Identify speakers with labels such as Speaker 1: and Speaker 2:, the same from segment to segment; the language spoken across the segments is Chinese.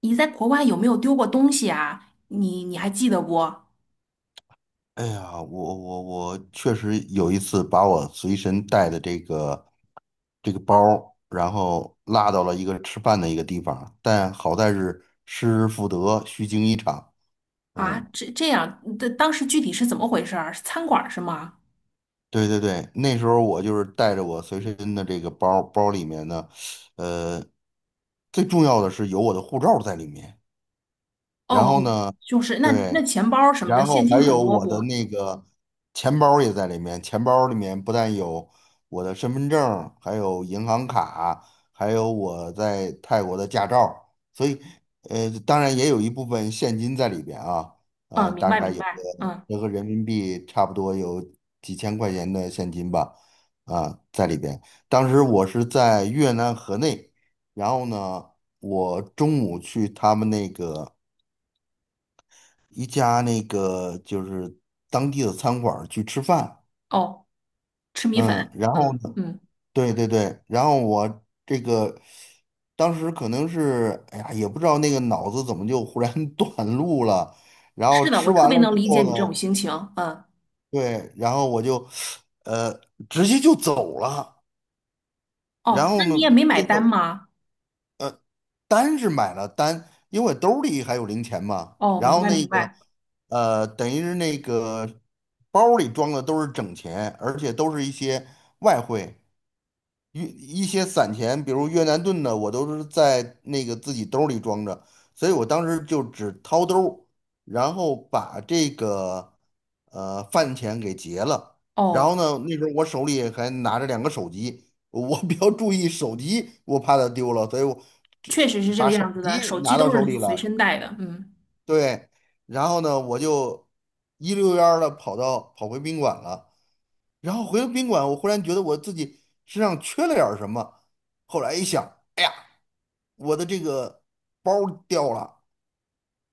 Speaker 1: 你在国外有没有丢过东西啊？你还记得不？
Speaker 2: 哎呀，我确实有一次把我随身带的这个包儿然后落到了一个吃饭的一个地方，但好在是失而复得，虚惊一场。
Speaker 1: 啊，
Speaker 2: 嗯，
Speaker 1: 这样，的当时具体是怎么回事儿？是餐馆儿是吗？
Speaker 2: 对对对，那时候我就是带着我随身的这个包儿，包里面呢，呃，最重要的是有我的护照在里面。
Speaker 1: 哦
Speaker 2: 然后
Speaker 1: 哦，
Speaker 2: 呢，
Speaker 1: 就是那
Speaker 2: 对。
Speaker 1: 钱包什么的，
Speaker 2: 然后
Speaker 1: 现金
Speaker 2: 还
Speaker 1: 很
Speaker 2: 有
Speaker 1: 多
Speaker 2: 我的
Speaker 1: 不？
Speaker 2: 那个钱包也在里面，钱包里面不但有我的身份证，还有银行卡，还有我在泰国的驾照，所以当然也有一部分现金在里边啊。
Speaker 1: 嗯，明
Speaker 2: 大
Speaker 1: 白
Speaker 2: 概
Speaker 1: 明
Speaker 2: 有个
Speaker 1: 白。嗯，
Speaker 2: 折合人民币差不多有几千块钱的现金吧，啊，在里边。当时我是在越南河内，然后呢，我中午去他们那个，一家那个就是当地的餐馆儿去吃饭。
Speaker 1: 哦，吃米
Speaker 2: 嗯，
Speaker 1: 粉。
Speaker 2: 然后
Speaker 1: 嗯
Speaker 2: 呢，
Speaker 1: 嗯，
Speaker 2: 对对对，然后我这个当时可能是，哎呀，也不知道那个脑子怎么就忽然 短路了，然后
Speaker 1: 是的，
Speaker 2: 吃
Speaker 1: 我特
Speaker 2: 完
Speaker 1: 别
Speaker 2: 了
Speaker 1: 能
Speaker 2: 之
Speaker 1: 理解
Speaker 2: 后
Speaker 1: 你这种
Speaker 2: 呢，
Speaker 1: 心情。嗯，
Speaker 2: 对，然后我就呃直接就走了。然
Speaker 1: 哦，那
Speaker 2: 后呢，
Speaker 1: 你也没买
Speaker 2: 这
Speaker 1: 单
Speaker 2: 个
Speaker 1: 吗？
Speaker 2: 单是买了单，因为兜里还有零钱嘛。
Speaker 1: 哦，
Speaker 2: 然
Speaker 1: 明
Speaker 2: 后
Speaker 1: 白
Speaker 2: 那
Speaker 1: 明
Speaker 2: 个，
Speaker 1: 白。
Speaker 2: 等于是那个包里装的都是整钱，而且都是一些外汇。一一些散钱，比如越南盾的，我都是在那个自己兜儿里装着，所以我当时就只掏兜儿，然后把这个饭钱给结了。然
Speaker 1: 哦，
Speaker 2: 后呢，那时候我手里还拿着2个手机，我比较注意手机，我怕它丢了，所以我这
Speaker 1: 确实是这
Speaker 2: 把
Speaker 1: 个
Speaker 2: 手
Speaker 1: 样子的，
Speaker 2: 机
Speaker 1: 手机
Speaker 2: 拿到
Speaker 1: 都
Speaker 2: 手
Speaker 1: 是
Speaker 2: 里
Speaker 1: 随
Speaker 2: 了。
Speaker 1: 身带的。嗯，
Speaker 2: 对，然后呢，我就一溜烟儿的跑回宾馆了。然后回到宾馆，我忽然觉得我自己身上缺了点儿什么。后来一想，我的这个包儿掉了。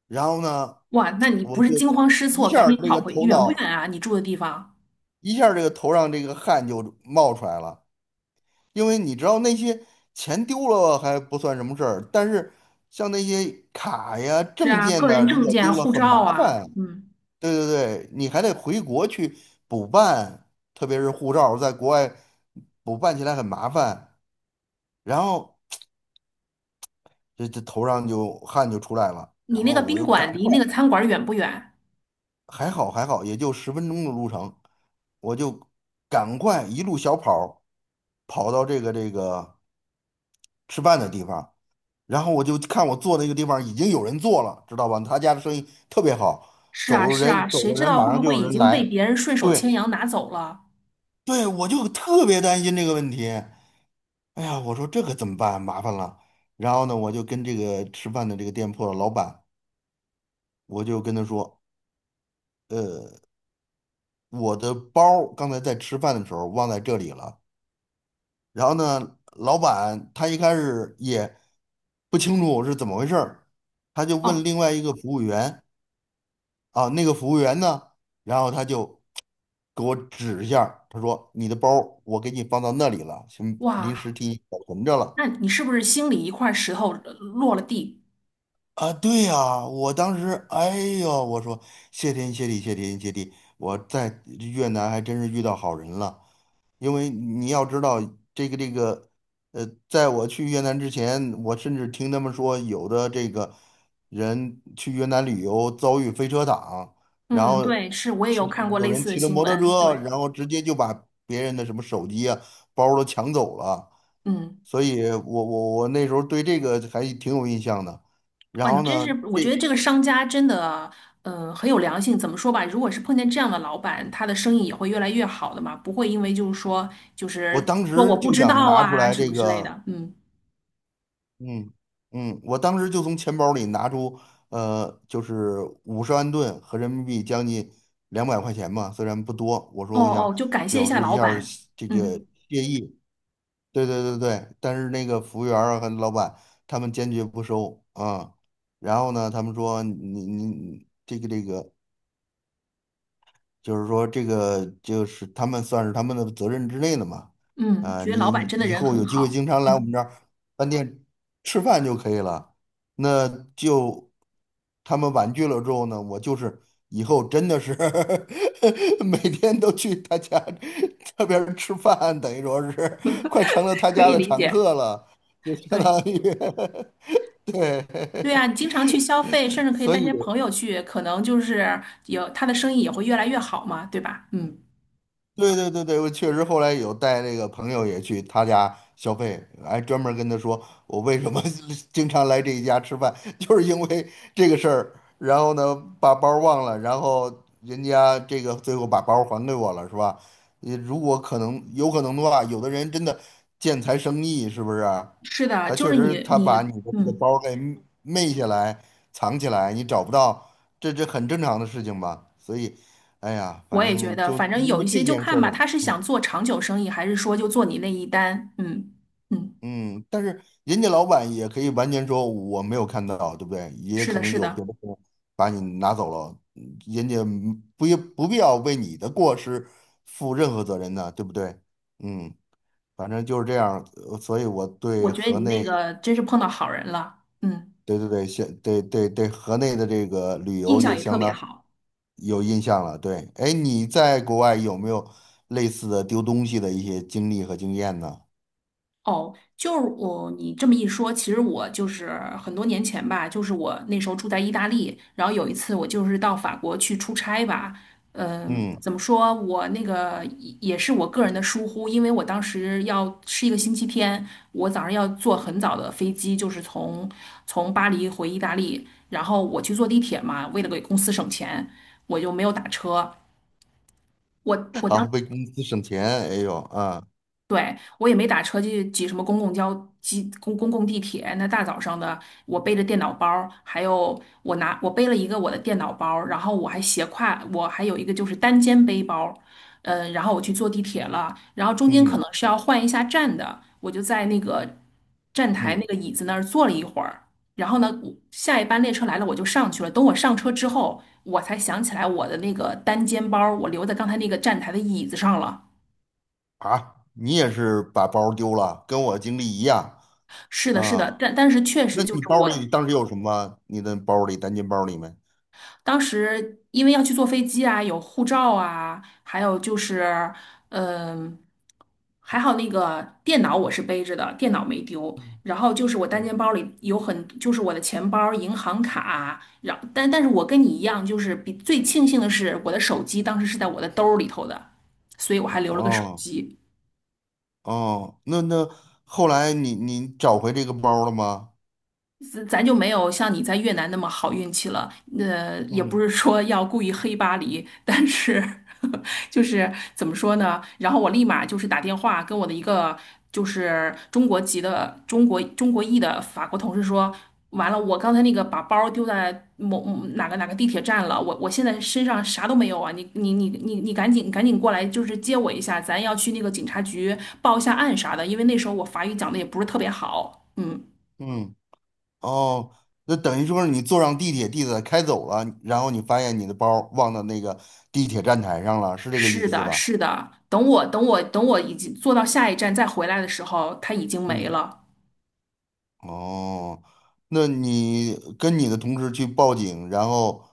Speaker 2: 然后呢，
Speaker 1: 哇，那你
Speaker 2: 我
Speaker 1: 不是
Speaker 2: 就
Speaker 1: 惊慌失
Speaker 2: 一
Speaker 1: 措，
Speaker 2: 下
Speaker 1: 赶
Speaker 2: 儿
Speaker 1: 紧
Speaker 2: 这个
Speaker 1: 跑回，
Speaker 2: 头
Speaker 1: 远不远
Speaker 2: 脑，
Speaker 1: 啊？你住的地方？
Speaker 2: 一下儿这个头上这个汗就冒出来了。因为你知道那些钱丢了还不算什么事儿，但是像那些卡呀、
Speaker 1: 是
Speaker 2: 证
Speaker 1: 啊，
Speaker 2: 件
Speaker 1: 个
Speaker 2: 呢，
Speaker 1: 人
Speaker 2: 如
Speaker 1: 证
Speaker 2: 果
Speaker 1: 件啊
Speaker 2: 丢了
Speaker 1: 护
Speaker 2: 很麻
Speaker 1: 照啊，
Speaker 2: 烦啊。
Speaker 1: 嗯，
Speaker 2: 对对对，你还得回国去补办，特别是护照在国外补办起来很麻烦。然后这头上就汗就出来了，
Speaker 1: 你
Speaker 2: 然
Speaker 1: 那个
Speaker 2: 后我
Speaker 1: 宾
Speaker 2: 就赶
Speaker 1: 馆离
Speaker 2: 快，
Speaker 1: 那个餐馆远不远？
Speaker 2: 还好还好，也就10分钟的路程，我就赶快一路小跑儿跑到这个吃饭的地方。然后我就看我坐那个地方已经有人坐了，知道吧？他家的生意特别好，
Speaker 1: 是啊，
Speaker 2: 走
Speaker 1: 是啊，
Speaker 2: 人走
Speaker 1: 谁
Speaker 2: 了
Speaker 1: 知
Speaker 2: 人
Speaker 1: 道
Speaker 2: 马
Speaker 1: 会
Speaker 2: 上
Speaker 1: 不
Speaker 2: 就
Speaker 1: 会
Speaker 2: 有
Speaker 1: 已
Speaker 2: 人
Speaker 1: 经被
Speaker 2: 来。
Speaker 1: 别人顺手牵
Speaker 2: 对
Speaker 1: 羊拿走了？
Speaker 2: 对，我就特别担心这个问题。哎呀，我说这可怎么办？麻烦了。然后呢，我就跟这个吃饭的这个店铺的老板，我就跟他说，呃，我的包儿刚才在吃饭的时候忘在这里了。然后呢，老板他一开始也不清楚是怎么回事儿，他就问
Speaker 1: 哦，
Speaker 2: 另外一个服务员啊，那个服务员呢，然后他就给我指一下儿，他说你的包儿我给你放到那里了，先
Speaker 1: 哇，
Speaker 2: 临时替你保存着了。
Speaker 1: 那你是不是心里一块石头落了地？
Speaker 2: 啊，对呀，我当时，哎呦，我说谢天谢地，谢天谢地，我在越南还真是遇到好人了。因为你要知道，这个这个，在我去越南之前，我甚至听他们说，有的这个人去越南旅游遭遇飞车党，然
Speaker 1: 嗯，
Speaker 2: 后
Speaker 1: 对，是我也有
Speaker 2: 骑
Speaker 1: 看过
Speaker 2: 有
Speaker 1: 类
Speaker 2: 人
Speaker 1: 似的
Speaker 2: 骑着
Speaker 1: 新
Speaker 2: 摩托
Speaker 1: 闻。
Speaker 2: 车，
Speaker 1: 对，
Speaker 2: 然后直接就把别人的什么手机啊、包儿都抢走了。
Speaker 1: 嗯，
Speaker 2: 所以我那时候对这个还挺有印象的。然
Speaker 1: 哇，你
Speaker 2: 后
Speaker 1: 真是，
Speaker 2: 呢，
Speaker 1: 我觉得这个商家真的，嗯，很有良心。怎么说吧，如果是碰见这样的老板，他的生意也会越来越好的嘛，不会因为就是说，就
Speaker 2: 我
Speaker 1: 是
Speaker 2: 当
Speaker 1: 说我
Speaker 2: 时
Speaker 1: 不
Speaker 2: 就
Speaker 1: 知
Speaker 2: 想
Speaker 1: 道
Speaker 2: 拿出
Speaker 1: 啊
Speaker 2: 来
Speaker 1: 什么
Speaker 2: 这
Speaker 1: 之类
Speaker 2: 个。
Speaker 1: 的。嗯。
Speaker 2: 嗯我当时就从钱包里拿出，就是500,000盾和人民币将近200块钱嘛，虽然不多，我
Speaker 1: 哦
Speaker 2: 说我
Speaker 1: 哦，
Speaker 2: 想
Speaker 1: 就感谢一
Speaker 2: 表
Speaker 1: 下
Speaker 2: 示一
Speaker 1: 老
Speaker 2: 下儿
Speaker 1: 板。
Speaker 2: 谢这个
Speaker 1: 嗯
Speaker 2: 谢意，对对对对，但是那个服务员儿啊和老板他们坚决不收啊。然后呢，他们说你这个就是说这个就是他们，算是他们的责任之内的嘛。
Speaker 1: 嗯，
Speaker 2: 啊，
Speaker 1: 觉得老
Speaker 2: 你
Speaker 1: 板真的
Speaker 2: 以
Speaker 1: 人
Speaker 2: 后
Speaker 1: 很
Speaker 2: 有机会
Speaker 1: 好。
Speaker 2: 经常来我们
Speaker 1: 嗯，
Speaker 2: 这儿饭店吃饭就可以了。那就他们婉拒了之后呢，我就是以后真的是 每天都去他家这边儿吃饭，等于说是快成了他
Speaker 1: 可
Speaker 2: 家
Speaker 1: 以
Speaker 2: 的
Speaker 1: 理
Speaker 2: 常
Speaker 1: 解。
Speaker 2: 客了，就相
Speaker 1: 对
Speaker 2: 当于 对。
Speaker 1: 对啊，你经常去消费，甚至 可以
Speaker 2: 所
Speaker 1: 带些
Speaker 2: 以。
Speaker 1: 朋友去，可能就是有他的生意也会越来越好嘛，对吧？嗯，
Speaker 2: 对对对对，我确实后来有带那个朋友也去他家消费，还专门跟他说我为什么 经常来这一家吃饭，就是因为这个事儿。然后呢，把包忘了，然后人家这个最后把包还给我了，是吧？你如果可能，有可能的话，有的人真的见财生意，是不是啊？
Speaker 1: 是的，
Speaker 2: 他
Speaker 1: 就
Speaker 2: 确
Speaker 1: 是
Speaker 2: 实
Speaker 1: 你
Speaker 2: 他
Speaker 1: 你
Speaker 2: 把你的这个
Speaker 1: 嗯，
Speaker 2: 包给昧下来、藏起来，你找不到，这这很正常的事情吧？所以，哎呀，反
Speaker 1: 我也觉
Speaker 2: 正
Speaker 1: 得，
Speaker 2: 就
Speaker 1: 反正
Speaker 2: 因
Speaker 1: 有
Speaker 2: 为
Speaker 1: 一
Speaker 2: 这
Speaker 1: 些就
Speaker 2: 件事
Speaker 1: 看吧，
Speaker 2: 儿，
Speaker 1: 他是想做长久生意，还是说就做你那一单？嗯嗯，
Speaker 2: 嗯，但是人家老板也可以完全说我没有看到，对不对？也
Speaker 1: 是
Speaker 2: 可
Speaker 1: 的，
Speaker 2: 能
Speaker 1: 是
Speaker 2: 有别
Speaker 1: 的，
Speaker 2: 的人把你拿走了，人家不不必要为你的过失负任何责任呢，对不对？嗯，反正就是这样，所以我对
Speaker 1: 我觉得
Speaker 2: 河
Speaker 1: 你那
Speaker 2: 内，
Speaker 1: 个真是碰到好人了，嗯，
Speaker 2: 对对对,河内的这个旅
Speaker 1: 印
Speaker 2: 游
Speaker 1: 象
Speaker 2: 就
Speaker 1: 也特
Speaker 2: 相
Speaker 1: 别
Speaker 2: 当
Speaker 1: 好。
Speaker 2: 有印象了。对，哎，你在国外有没有类似的丢东西的一些经历和经验呢？
Speaker 1: 哦，就是我，你这么一说，其实我就是很多年前吧，就是我那时候住在意大利，然后有一次我就是到法国去出差吧，嗯，
Speaker 2: 嗯。
Speaker 1: 怎么说，我那个也是我个人的疏忽，因为我当时要是一个星期天，我早上要坐很早的飞机，就是从从巴黎回意大利，然后我去坐地铁嘛，为了给公司省钱，我就没有打车。我我
Speaker 2: 好
Speaker 1: 当
Speaker 2: 为公司省钱。哎呦啊，
Speaker 1: 对，我也没打车去挤什么公共交、挤公共地铁。那大早上的，我背着电脑包儿，还有我拿我背了一个我的电脑包儿，然后我还斜挎，我还有一个就是单肩背包儿，嗯，然后我去坐地铁了，然后中间可
Speaker 2: 嗯
Speaker 1: 能是要换一下站的，我就在那个站台那
Speaker 2: 嗯
Speaker 1: 个椅子那儿坐了一会儿，然后呢，我下一班列车来了，我就上去了。等我上车之后，我才想起来我的那个单肩包儿我留在刚才那个站台的椅子上了。
Speaker 2: 啊，你也是把包丢了，跟我经历一样
Speaker 1: 是的，是
Speaker 2: 啊。
Speaker 1: 的，但是确实
Speaker 2: 那
Speaker 1: 就
Speaker 2: 你
Speaker 1: 是
Speaker 2: 包里
Speaker 1: 我
Speaker 2: 当时有什么？你的包里，单肩包里面？
Speaker 1: 当时因为要去坐飞机啊，有护照啊，还有就是，嗯、还好那个电脑我是背着的，电脑没丢。
Speaker 2: 嗯
Speaker 1: 然后就是我单肩
Speaker 2: 嗯
Speaker 1: 包里有很，就是我的钱包、银行卡。但是我跟你一样，就是比最庆幸的是我的手机当时是在我的兜儿里头的，所以我还留了个手
Speaker 2: 哦
Speaker 1: 机。
Speaker 2: 哦，那后来你你找回这个包了吗？
Speaker 1: 咱就没有像你在越南那么好运气了。那也不
Speaker 2: 嗯
Speaker 1: 是说要故意黑巴黎，但是 就是怎么说呢？然后我立马就是打电话跟我的一个就是中国籍的中国裔的法国同事说，完了，我刚才那个把包丢在某某哪个哪个地铁站了，我现在身上啥都没有啊！你赶紧过来，就是接我一下，咱要去那个警察局报一下案啥的，因为那时候我法语讲的也不是特别好，嗯。
Speaker 2: 嗯哦，那等于说是你坐上地铁，地铁开走了，然后你发现你的包忘到那个地铁站台上了，是这个意
Speaker 1: 是
Speaker 2: 思
Speaker 1: 的，
Speaker 2: 吧？
Speaker 1: 是的。等我已经坐到下一站再回来的时候，他已经没
Speaker 2: 嗯。
Speaker 1: 了。
Speaker 2: 哦，那你跟你的同事去报警，然后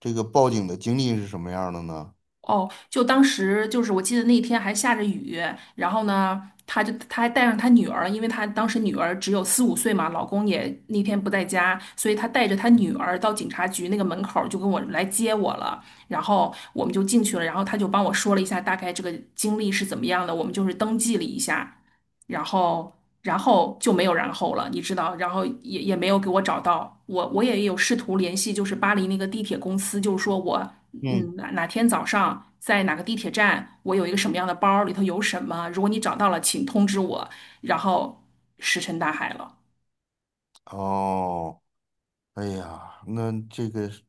Speaker 2: 这个报警的经历是什么样的呢？
Speaker 1: 哦，就当时就是我记得那天还下着雨，然后呢，他就他还带上他女儿，因为他当时女儿只有四五岁嘛，老公也那天不在家，所以他带着他女儿到警察局那个门口儿就跟我来接我了，然后我们就进去了，然后他就帮我说了一下大概这个经历是怎么样的，我们就是登记了一下。然后然后就没有然后了，你知道，然后也没有给我找到，我也有试图联系，就是巴黎那个地铁公司，就是说我嗯
Speaker 2: 嗯。
Speaker 1: 哪哪天早上在哪个地铁站，我有一个什么样的包，里头有什么，如果你找到了，请通知我，然后石沉大海了。
Speaker 2: 哦，哎呀，那这个是，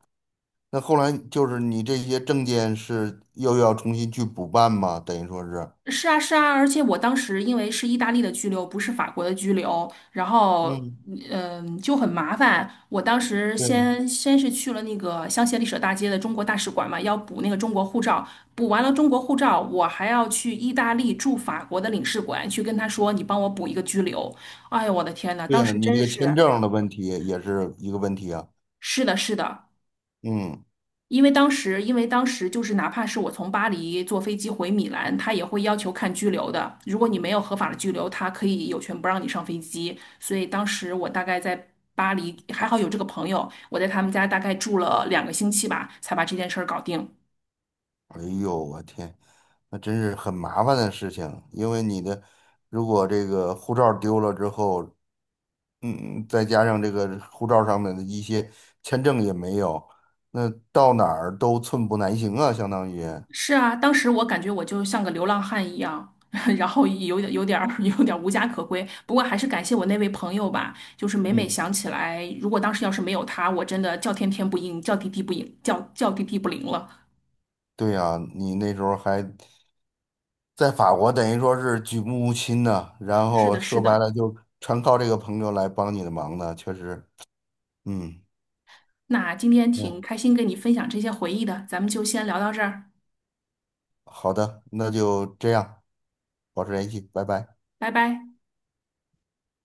Speaker 2: 那后来就是你这些证件是又要重新去补办吗？等于说是，
Speaker 1: 是啊，是啊，而且我当时因为是意大利的居留，不是法国的居留，然后
Speaker 2: 嗯，
Speaker 1: 就很麻烦。我当时
Speaker 2: 对。
Speaker 1: 先是去了那个香榭丽舍大街的中国大使馆嘛，要补那个中国护照，补完了中国护照，我还要去意大利驻法国的领事馆去跟他说，你帮我补一个居留。哎呦，我的天呐，
Speaker 2: 对
Speaker 1: 当
Speaker 2: 啊，
Speaker 1: 时
Speaker 2: 你那
Speaker 1: 真
Speaker 2: 个签
Speaker 1: 是，
Speaker 2: 证的问题也是一个问题啊。
Speaker 1: 是的，是的，
Speaker 2: 嗯，
Speaker 1: 因为当时，因为当时就是哪怕是我从巴黎坐飞机回米兰，他也会要求看拘留的。如果你没有合法的拘留，他可以有权不让你上飞机。所以当时我大概在巴黎，还好有这个朋友，我在他们家大概住了2个星期吧，才把这件事儿搞定。
Speaker 2: 哎呦，我天，那真是很麻烦的事情，因为你的，如果这个护照丢了之后，嗯，再加上这个护照上面的一些签证也没有，那到哪儿都寸步难行啊，相当于。
Speaker 1: 是啊，当时我感觉我就像个流浪汉一样，然后有点儿无家可归。不过还是感谢我那位朋友吧，就是每每
Speaker 2: 嗯，
Speaker 1: 想起来，如果当时要是没有他，我真的叫天天不应，叫地地不应，叫地地不灵了。
Speaker 2: 对呀，你那时候还在法国，等于说是举目无亲呢，然
Speaker 1: 是
Speaker 2: 后
Speaker 1: 的，是
Speaker 2: 说白
Speaker 1: 的。
Speaker 2: 了就全靠这个朋友来帮你的忙呢，确实。嗯
Speaker 1: 那今天挺
Speaker 2: 嗯，
Speaker 1: 开心跟你分享这些回忆的，咱们就先聊到这儿，
Speaker 2: 好的，那就这样，保持联系，拜拜。
Speaker 1: 拜拜。